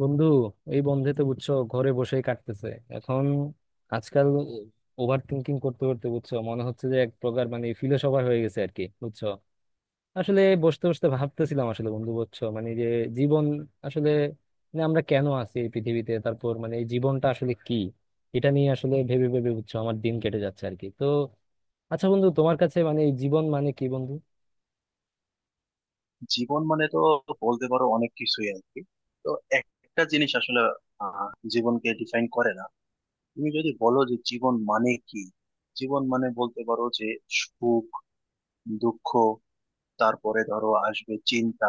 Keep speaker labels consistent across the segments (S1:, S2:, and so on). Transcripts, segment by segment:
S1: বন্ধু, এই বন্ধে তো বুঝছো ঘরে বসেই কাটতেছে এখন আজকাল। ওভার থিঙ্কিং করতে করতে বুঝছো মনে হচ্ছে যে এক প্রকার মানে ফিলোসফার হয়ে গেছে আর কি, বুঝছো? আসলে বসতে বসতে ভাবতেছিলাম আসলে বন্ধু, বুঝছো, মানে যে জীবন আসলে মানে আমরা কেন আছি এই পৃথিবীতে, তারপর মানে এই জীবনটা আসলে কি। এটা নিয়ে আসলে ভেবে ভেবে বুঝছো আমার দিন কেটে যাচ্ছে আর কি। তো আচ্ছা বন্ধু, তোমার কাছে মানে এই জীবন মানে কি বন্ধু?
S2: জীবন মানে তো বলতে পারো অনেক কিছুই আর কি। তো একটা জিনিস আসলে আহ, জীবনকে ডিফাইন করে না। তুমি যদি বলো যে জীবন মানে কি, জীবন মানে বলতে পারো যে সুখ, দুঃখ, তারপরে ধরো আসবে চিন্তা,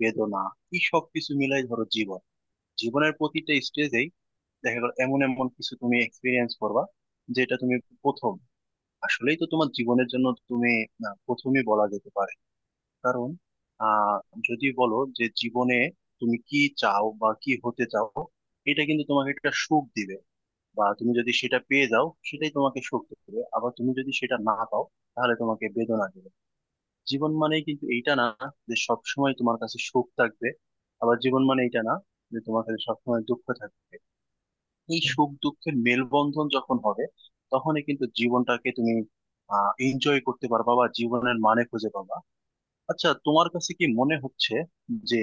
S2: বেদনা, এই সব কিছু মিলাই ধরো জীবন। জীবনের প্রতিটা স্টেজেই দেখা গেল এমন এমন কিছু তুমি এক্সপিরিয়েন্স করবা, যেটা তুমি প্রথম আসলেই তো তোমার জীবনের জন্য তুমি, না, প্রথমই বলা যেতে পারে। কারণ আহ যদি বলো যে জীবনে তুমি কি চাও বা কি হতে চাও, এটা কিন্তু তোমাকে একটা সুখ দিবে, বা তুমি যদি সেটা পেয়ে যাও সেটাই তোমাকে সুখ দেবে, আবার তুমি যদি সেটা না পাও তাহলে তোমাকে বেদনা দেবে। জীবন মানেই কিন্তু এইটা না যে সবসময় তোমার কাছে সুখ থাকবে, আবার জীবন মানে এটা না যে তোমার কাছে সবসময় দুঃখ থাকবে। এই সুখ দুঃখের মেলবন্ধন যখন হবে, তখনই কিন্তু জীবনটাকে তুমি এনজয় করতে পারবা বা জীবনের মানে খুঁজে পাবা। আচ্ছা, তোমার কাছে কি মনে হচ্ছে যে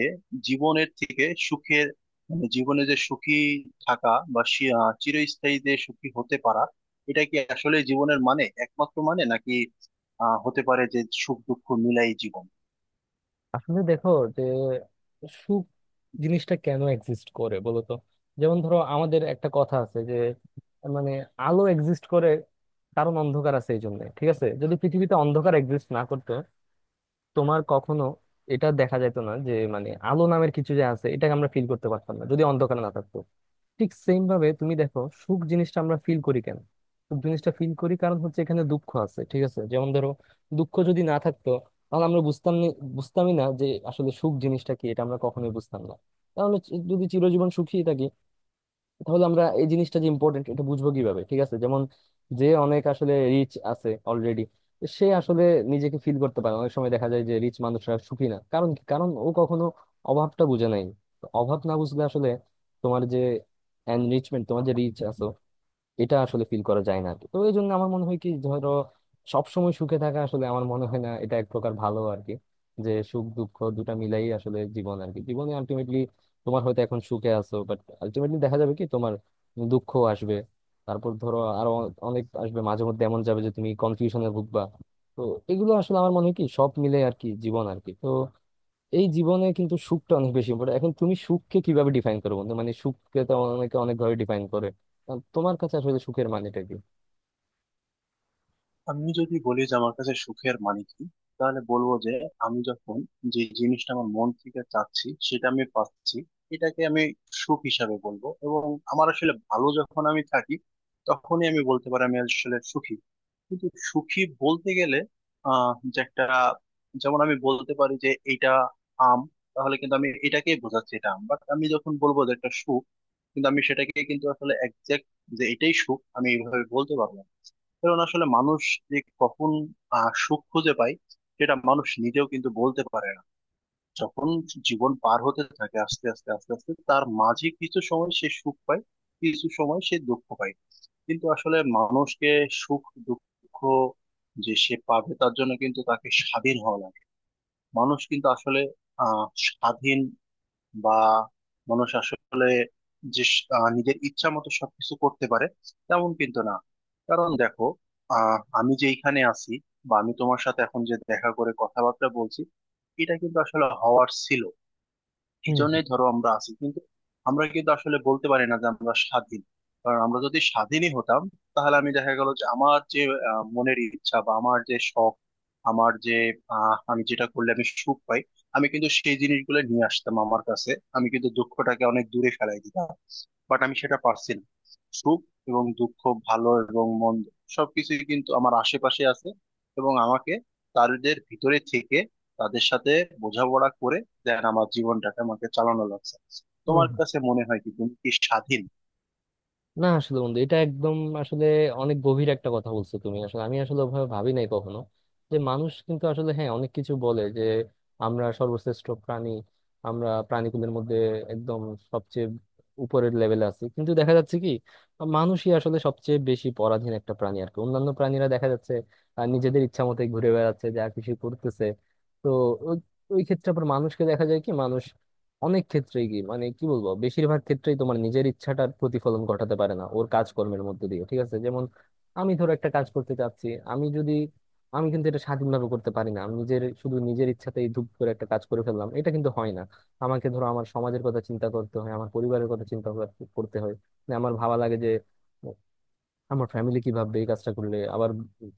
S2: জীবনের থেকে সুখের, মানে জীবনে যে সুখী থাকা বা চিরস্থায়ী যে সুখী হতে পারা, এটা কি আসলে জীবনের মানে একমাত্র মানে, নাকি হতে পারে যে সুখ দুঃখ মিলাই জীবন?
S1: আসলে দেখো, যে সুখ জিনিসটা কেন এক্সিস্ট করে বলো তো। যেমন ধরো আমাদের একটা কথা আছে যে মানে আলো এক্সিস্ট করে কারণ অন্ধকার আছে এই জন্য, ঠিক আছে? যদি পৃথিবীতে অন্ধকার এক্সিস্ট না করতো, তোমার কখনো এটা দেখা যেত না যে মানে আলো নামের কিছু যে আছে, এটাকে আমরা ফিল করতে পারতাম না যদি অন্ধকার না থাকতো। ঠিক সেম ভাবে তুমি দেখো সুখ জিনিসটা আমরা ফিল করি কেন? সুখ জিনিসটা ফিল করি কারণ হচ্ছে এখানে দুঃখ আছে, ঠিক আছে? যেমন ধরো দুঃখ যদি না থাকতো, তাহলে আমরা বুঝতামই না যে আসলে সুখ জিনিসটা কি, এটা আমরা কখনোই বুঝতাম না। তাহলে যদি চিরজীবন সুখী থাকি, তাহলে আমরা এই জিনিসটা যে ইম্পর্টেন্ট এটা বুঝবো কিভাবে, ঠিক আছে? যেমন যে অনেক আসলে রিচ আছে অলরেডি, সে আসলে নিজেকে ফিল করতে পারে না। অনেক সময় দেখা যায় যে রিচ মানুষরা সুখী না, কারণ কি? কারণ ও কখনো অভাবটা বুঝে নাই। তো অভাব না বুঝলে আসলে তোমার যে এনরিচমেন্ট, তোমার যে রিচ আছে, এটা আসলে ফিল করা যায় না আর কি। তো এই জন্য আমার মনে হয় কি, ধরো সবসময় সুখে থাকা আসলে আমার মনে হয় না এটা এক প্রকার ভালো আর কি। যে সুখ দুঃখ দুটা মিলাই আসলে জীবন আর কি। জীবনে আলটিমেটলি তোমার হয়তো এখন সুখে আছো, বাট আলটিমেটলি দেখা যাবে কি তোমার দুঃখ আসবে। তারপর ধরো আরো অনেক আসবে, মাঝে মধ্যে এমন যাবে যে তুমি কনফিউশনে ভুগবা। তো এগুলো আসলে আমার মনে হয় কি সব মিলে আর কি জীবন আর কি। তো এই জীবনে কিন্তু সুখটা অনেক বেশি ইম্পর্টেন্ট। এখন তুমি সুখকে কিভাবে ডিফাইন করো বন্ধু? মানে সুখকে তো অনেকে অনেক ভাবে ডিফাইন করে। তোমার কাছে আসলে সুখের মানেটা কি?
S2: আমি যদি বলি যে আমার কাছে সুখের মানে কি, তাহলে বলবো যে আমি যখন যে জিনিসটা আমার মন থেকে চাচ্ছি সেটা আমি পাচ্ছি, এটাকে আমি সুখ হিসাবে বলবো। এবং আমার আসলে ভালো যখন আমি থাকি, তখনই আমি বলতে পারি আমি আসলে সুখী। কিন্তু সুখী বলতে গেলে যে একটা, যেমন আমি বলতে পারি যে এটা আম, তাহলে কিন্তু আমি এটাকেই বোঝাচ্ছি এটা আম। বাট আমি যখন বলবো যে একটা সুখ, কিন্তু আমি সেটাকে কিন্তু আসলে একজ্যাক্ট যে এটাই সুখ আমি এইভাবে বলতে পারবো না। কারণ আসলে মানুষ যে কখন সুখ খুঁজে পায় সেটা মানুষ নিজেও কিন্তু বলতে পারে না। যখন জীবন পার হতে থাকে আস্তে আস্তে আস্তে আস্তে, তার মাঝে কিছু সময় সে সুখ পায়, কিছু সময় সে দুঃখ পায়। কিন্তু আসলে মানুষকে সুখ দুঃখ যে সে পাবে, তার জন্য কিন্তু তাকে স্বাধীন হওয়া লাগে। মানুষ কিন্তু আসলে স্বাধীন, বা মানুষ আসলে যে নিজের ইচ্ছা মতো সবকিছু করতে পারে, তেমন কিন্তু না। কারণ দেখো, আমি যে এখানে আছি বা আমি তোমার সাথে এখন যে দেখা করে কথাবার্তা বলছি, এটা কিন্তু আসলে হওয়ার ছিল। এই জন্যই ধরো আমরা আছি, কিন্তু আমরা কিন্তু আসলে বলতে পারি না যে আমরা স্বাধীন। কারণ আমরা যদি স্বাধীনই হতাম, তাহলে আমি দেখা গেল যে আমার যে মনের ইচ্ছা বা আমার যে শখ, আমার যে আমি যেটা করলে আমি সুখ পাই, আমি কিন্তু সেই জিনিসগুলো নিয়ে আসতাম আমার কাছে। আমি কিন্তু দুঃখটাকে অনেক দূরে ফেলাই দিতাম। বাট আমি সেটা পারছি না। সুখ এবং দুঃখ, ভালো এবং মন্দ, সবকিছুই কিন্তু আমার আশেপাশে আছে। এবং আমাকে তাদের ভিতরে থেকে, তাদের সাথে বোঝাপড়া করে দেন আমার জীবনটাকে আমাকে চালানো লাগছে। তোমার
S1: হম।
S2: কাছে মনে হয় কি, তুমি কি স্বাধীন?
S1: না আসলে বন্ধু, এটা একদম আসলে অনেক গভীর একটা কথা বলছো তুমি। আসলে আমি আসলে ওভাবে ভাবি নাই কখনো। যে মানুষ কিন্তু আসলে, হ্যাঁ, অনেক কিছু বলে যে আমরা সর্বশ্রেষ্ঠ প্রাণী, আমরা প্রাণীকুলের মধ্যে একদম সবচেয়ে উপরের লেভেলে আছি, কিন্তু দেখা যাচ্ছে কি মানুষই আসলে সবচেয়ে বেশি পরাধীন একটা প্রাণী আর কি। অন্যান্য প্রাণীরা দেখা যাচ্ছে নিজেদের ইচ্ছা মতোই ঘুরে বেড়াচ্ছে, যা কিছু করতেছে। তো ওই ওই ক্ষেত্রে আবার মানুষকে দেখা যায় কি মানুষ অনেক ক্ষেত্রেই কি মানে কি বলবো, বেশিরভাগ ক্ষেত্রেই তোমার নিজের ইচ্ছাটার প্রতিফলন ঘটাতে পারে না ওর কাজকর্মের মধ্যে দিয়ে, ঠিক আছে? যেমন আমি ধরো একটা কাজ করতে চাচ্ছি, আমি যদি, আমি কিন্তু এটা স্বাধীনভাবে করতে পারি না। আমি নিজের শুধু নিজের ইচ্ছাতেই ধুপ করে একটা কাজ করে ফেললাম, এটা কিন্তু হয় না। আমাকে ধরো আমার সমাজের কথা চিন্তা করতে হয়, আমার পরিবারের কথা চিন্তা করতে হয়। মানে আমার ভাবা লাগে যে আমার ফ্যামিলি কি ভাববে এই কাজটা করলে, আবার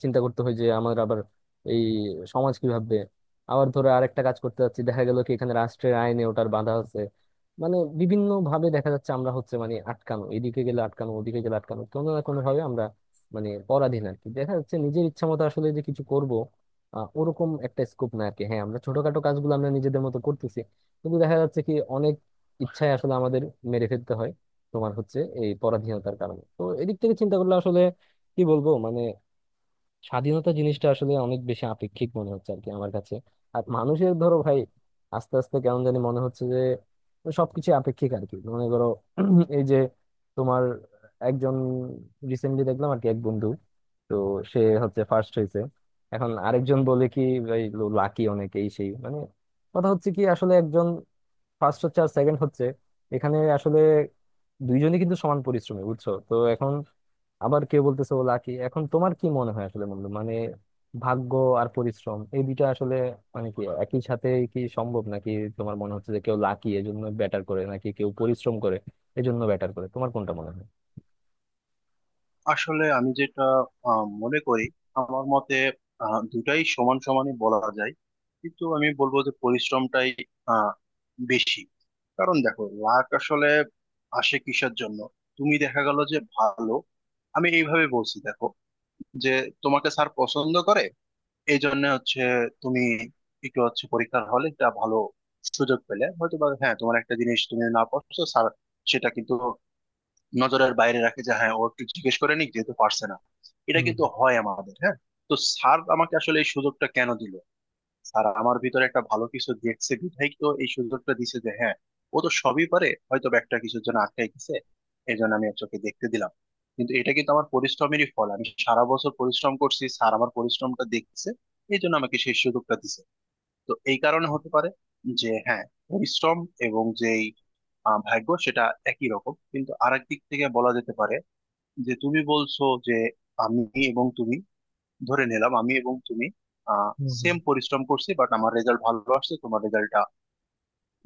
S1: চিন্তা করতে হয় যে আমার আবার এই সমাজ কি ভাববে। আবার ধরো আরেকটা কাজ করতে যাচ্ছি, দেখা গেল কি এখানে রাষ্ট্রের আইনে ওটার বাধা আছে। মানে বিভিন্ন ভাবে দেখা যাচ্ছে আমরা হচ্ছে মানে আটকানো, এদিকে গেলে আটকানো, ওদিকে গেলে আটকানো, কোনো না কোনো ভাবে আমরা মানে পরাধীন আর কি। দেখা যাচ্ছে নিজের ইচ্ছা মতো আসলে যে কিছু করব, ওরকম একটা স্কোপ না আর কি। হ্যাঁ আমরা ছোটখাটো কাজগুলো আমরা নিজেদের মতো করতেছি, কিন্তু দেখা যাচ্ছে কি অনেক ইচ্ছায় আসলে আমাদের মেরে ফেলতে হয় তোমার হচ্ছে এই পরাধীনতার কারণে। তো এদিক থেকে চিন্তা করলে আসলে কি বলবো, মানে স্বাধীনতা জিনিসটা আসলে অনেক বেশি আপেক্ষিক মনে হচ্ছে আর কি আমার কাছে। আর মানুষের ধরো ভাই, আস্তে আস্তে কেমন জানি মনে হচ্ছে যে সবকিছু আপেক্ষিক আর কি। মনে করো এই যে তোমার একজন, রিসেন্টলি দেখলাম আর কি এক বন্ধু, তো সে হচ্ছে ফার্স্ট হয়েছে। এখন আরেকজন বলে কি ভাই লাকি অনেক, এই সেই মানে। কথা হচ্ছে কি আসলে একজন ফার্স্ট হচ্ছে আর সেকেন্ড হচ্ছে, এখানে আসলে দুইজনই কিন্তু সমান পরিশ্রমী, বুঝছো? তো এখন আবার কেউ বলতেছে ও লাকি। এখন তোমার কি মনে হয় আসলে বন্ধু, মানে ভাগ্য আর পরিশ্রম এই দুইটা আসলে মানে কি একই সাথে কি সম্ভব নাকি? তোমার মনে হচ্ছে যে কেউ লাকি এজন্য ব্যাটার করে, নাকি কেউ পরিশ্রম করে এজন্য ব্যাটার করে? তোমার কোনটা মনে হয়?
S2: আসলে আমি যেটা মনে করি, আমার মতে দুটাই সমান সমানই বলা যায়। কিন্তু আমি বলবো যে পরিশ্রমটাই আহ, বেশি। কারণ দেখো, লাক আসলে আসে কিসের জন্য? তুমি দেখা গেল যে ভালো, আমি এইভাবে বলছি দেখো, যে তোমাকে স্যার পছন্দ করে, এই জন্য হচ্ছে তুমি একটু হচ্ছে পরীক্ষার হলে একটা ভালো সুযোগ পেলে হয়তো বা, হ্যাঁ, তোমার একটা জিনিস তুমি না পারছো, স্যার সেটা কিন্তু নজরের বাইরে রাখে যে হ্যাঁ, ও একটু জিজ্ঞেস করে নিক যেহেতু পারছে না। এটা
S1: হুম।
S2: কিন্তু হয় আমাদের, হ্যাঁ। তো স্যার আমাকে আসলে এই সুযোগটা কেন দিল? স্যার আমার ভিতরে একটা ভালো কিছু দেখছে বিধায় তো এই সুযোগটা দিছে যে হ্যাঁ, ও তো সবই পারে, হয়তো বা একটা কিছুর জন্য আটকাই গেছে, এই জন্য আমি ওকে দেখতে দিলাম। কিন্তু এটা কিন্তু আমার পরিশ্রমেরই ফল। আমি সারা বছর পরিশ্রম করছি, স্যার আমার পরিশ্রমটা দেখছে, এই জন্য আমাকে সেই সুযোগটা দিছে। তো এই কারণে হতে পারে যে হ্যাঁ, পরিশ্রম এবং যেই ভাগ্য, সেটা একই রকম। কিন্তু আরেক দিক থেকে বলা যেতে পারে, যে তুমি বলছো যে আমি এবং তুমি, ধরে নিলাম আমি এবং তুমি আহ
S1: হুম হুম।
S2: সেম পরিশ্রম করছি, বাট আমার রেজাল্ট ভালো আসছে, তোমার রেজাল্টটা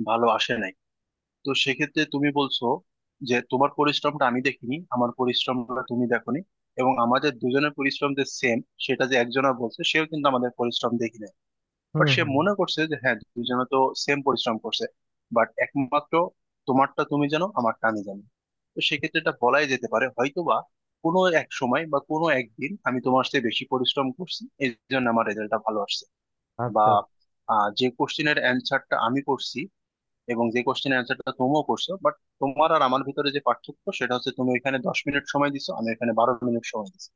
S2: ভালো আসে নাই। তো সেক্ষেত্রে তুমি বলছো যে তোমার পরিশ্রমটা আমি দেখিনি, আমার পরিশ্রমটা তুমি দেখোনি, এবং আমাদের দুজনের পরিশ্রম যে সেম, সেটা যে একজনের বলছে সেও কিন্তু আমাদের পরিশ্রম দেখিনি।
S1: হুম
S2: বাট সে
S1: হুম।
S2: মনে করছে যে হ্যাঁ, দুজনে তো সেম পরিশ্রম করছে। বাট একমাত্র তোমারটা তুমি জানো, আমারটা আমি জানি। তো সেক্ষেত্রে এটা বলাই যেতে পারে হয়তোবা কোনো এক সময় বা কোনো একদিন আমি তোমার চেয়ে বেশি পরিশ্রম করছি, এই জন্য আমার রেজাল্টটা ভালো আসছে। বা
S1: আচ্ছা।
S2: যে কোশ্চেনের অ্যান্সারটা আমি করছি এবং যে কোশ্চেনের অ্যান্সারটা তুমিও করছো, বাট তোমার আর আমার ভিতরে যে পার্থক্য সেটা হচ্ছে তুমি এখানে 10 মিনিট সময় দিছো, আমি এখানে 12 মিনিট সময় দিছি।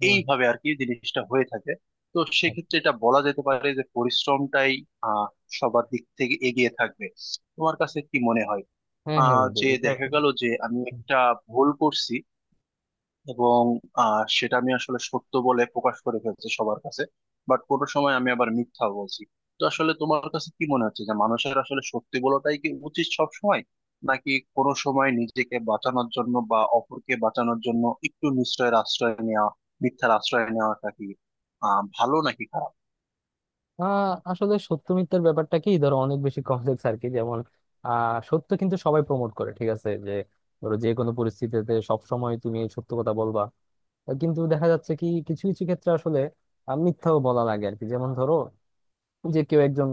S1: হুম।
S2: এইভাবে আর কি জিনিসটা হয়ে থাকে। তো
S1: আচ্ছা।
S2: সেক্ষেত্রে এটা বলা যেতে পারে যে পরিশ্রমটাই আহ সবার দিক থেকে এগিয়ে থাকবে। তোমার কাছে কি মনে হয়?
S1: হ্যাঁ হ্যাঁ বন্ধু,
S2: যে
S1: এটা
S2: দেখা গেল যে আমি একটা ভুল করছি, এবং সেটা আমি আসলে সত্য বলে প্রকাশ করে ফেলছি সবার কাছে। বাট কোনো সময় আমি আবার মিথ্যা বলছি। তো আসলে তোমার কাছে কি মনে হচ্ছে যে মানুষের আসলে সত্যি বলাটাই কি উচিত সব সময়, নাকি কোনো সময় নিজেকে বাঁচানোর জন্য বা অপরকে বাঁচানোর জন্য একটু নিশ্চয়ের আশ্রয় নেওয়া, মিথ্যার আশ্রয় নেওয়াটা কি ভালো নাকি খারাপ?
S1: আহ আসলে সত্য মিথ্যার ব্যাপারটা কি ধরো অনেক বেশি কমপ্লেক্স আর কি। যেমন আহ সত্য কিন্তু সবাই প্রমোট করে, ঠিক আছে? যে ধরো যে কোনো পরিস্থিতিতে সব সময় তুমি সত্য কথা বলবা। কিন্তু দেখা যাচ্ছে কি কিছু কিছু ক্ষেত্রে আসলে মিথ্যাও বলা লাগে আর কি। যেমন ধরো যে কেউ একজন,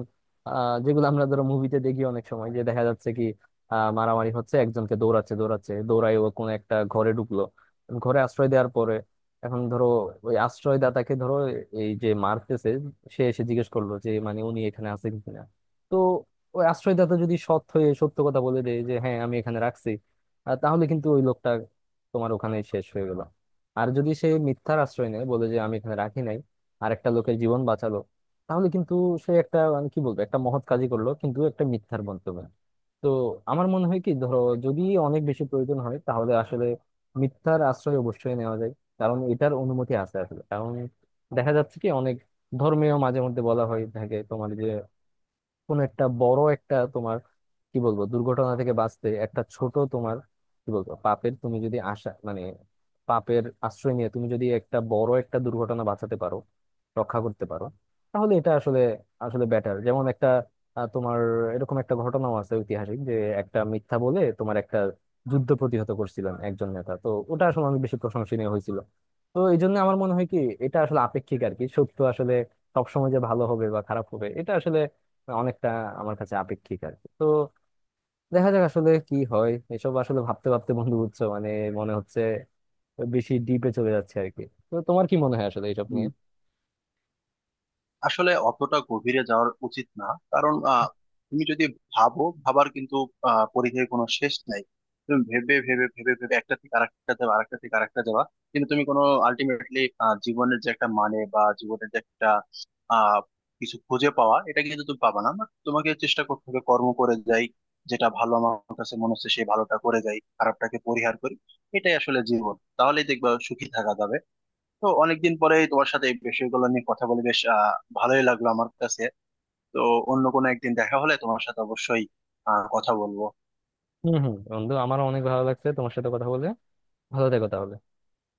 S1: আহ, যেগুলো আমরা ধরো মুভিতে দেখি অনেক সময়, যে দেখা যাচ্ছে কি মারামারি হচ্ছে, একজনকে দৌড়াচ্ছে দৌড়াচ্ছে দৌড়ায়, ও কোনো একটা ঘরে ঢুকলো, ঘরে আশ্রয় দেওয়ার পরে এখন ধরো ওই আশ্রয়দাতাকে ধরো এই যে মারতেছে সে এসে জিজ্ঞেস করলো যে মানে উনি এখানে আছেন কিনা। তো ওই আশ্রয়দাতা যদি সৎ হয়ে সত্য কথা বলে দেয় যে হ্যাঁ আমি এখানে রাখছি, তাহলে কিন্তু ওই লোকটা তোমার ওখানে শেষ হয়ে গেল। আর যদি সে মিথ্যার আশ্রয় নেয়, বলে যে আমি এখানে রাখি নাই, আর একটা লোকের জীবন বাঁচালো, তাহলে কিন্তু সে একটা মানে কি বলবো একটা মহৎ কাজই করলো, কিন্তু একটা মিথ্যার বক্তব্য। তো আমার মনে হয় কি ধরো, যদি অনেক বেশি প্রয়োজন হয় তাহলে আসলে মিথ্যার আশ্রয় অবশ্যই নেওয়া যায়। কারণ এটার অনুমতি আছে আসলে। কারণ দেখা যাচ্ছে কি অনেক ধর্মীয় মাঝে মধ্যে বলা হয় থাকে তোমার যে কোন একটা বড় একটা তোমার কি বলবো দুর্ঘটনা থেকে বাঁচতে একটা ছোট তোমার কি বলবো পাপের, তুমি যদি আশা মানে পাপের আশ্রয় নিয়ে তুমি যদি একটা বড় একটা দুর্ঘটনা বাঁচাতে পারো, রক্ষা করতে পারো, তাহলে এটা আসলে আসলে বেটার। যেমন একটা তোমার এরকম একটা ঘটনাও আছে ঐতিহাসিক যে একটা মিথ্যা বলে তোমার একটা যুদ্ধ প্রতিহত করছিলেন একজন নেতা। তো ওটা আসলে অনেক বেশি প্রশংসনীয় হয়েছিল। তো এই জন্য আমার মনে হয় কি এটা আসলে আপেক্ষিক আর কি। সত্য আসলে সবসময় যে ভালো হবে বা খারাপ হবে এটা আসলে অনেকটা আমার কাছে আপেক্ষিক আর কি। তো দেখা যাক আসলে কি হয়। এসব আসলে ভাবতে ভাবতে বন্ধু, বুঝছো, মানে মনে হচ্ছে বেশি ডিপে চলে যাচ্ছে আর কি। তো তোমার কি মনে হয় আসলে এইসব নিয়ে?
S2: আসলে অতটা গভীরে যাওয়ার উচিত না। কারণ তুমি যদি ভাবো, ভাবার কিন্তু পরিধেয় কোনো শেষ নাই। তুমি ভেবে ভেবে ভেবে ভেবে একটা থেকে আরেকটা যাবে, আরেকটা থেকে আরেকটা যাবা, কিন্তু তুমি কোনো আলটিমেটলি জীবনের যে একটা মানে বা জীবনের যে একটা আহ কিছু খুঁজে পাওয়া, এটা কিন্তু তুমি পাবা না। But তোমাকে চেষ্টা করতে হবে কর্ম করে যাই, যেটা ভালো আমার কাছে মনে হচ্ছে সেই ভালোটা করে যাই, খারাপটাকে পরিহার করি। এটাই আসলে জীবন, তাহলেই দেখবা সুখী থাকা যাবে। তো অনেকদিন পরে তোমার সাথে এই বিষয়গুলো নিয়ে কথা বলে বেশ ভালোই লাগলো আমার কাছে। তো অন্য কোনো একদিন দেখা হলে তোমার সাথে অবশ্যই কথা বলবো।
S1: হম হম বন্ধু, আমারও অনেক ভালো লাগছে তোমার সাথে কথা বলে। ভালো থেকো তাহলে।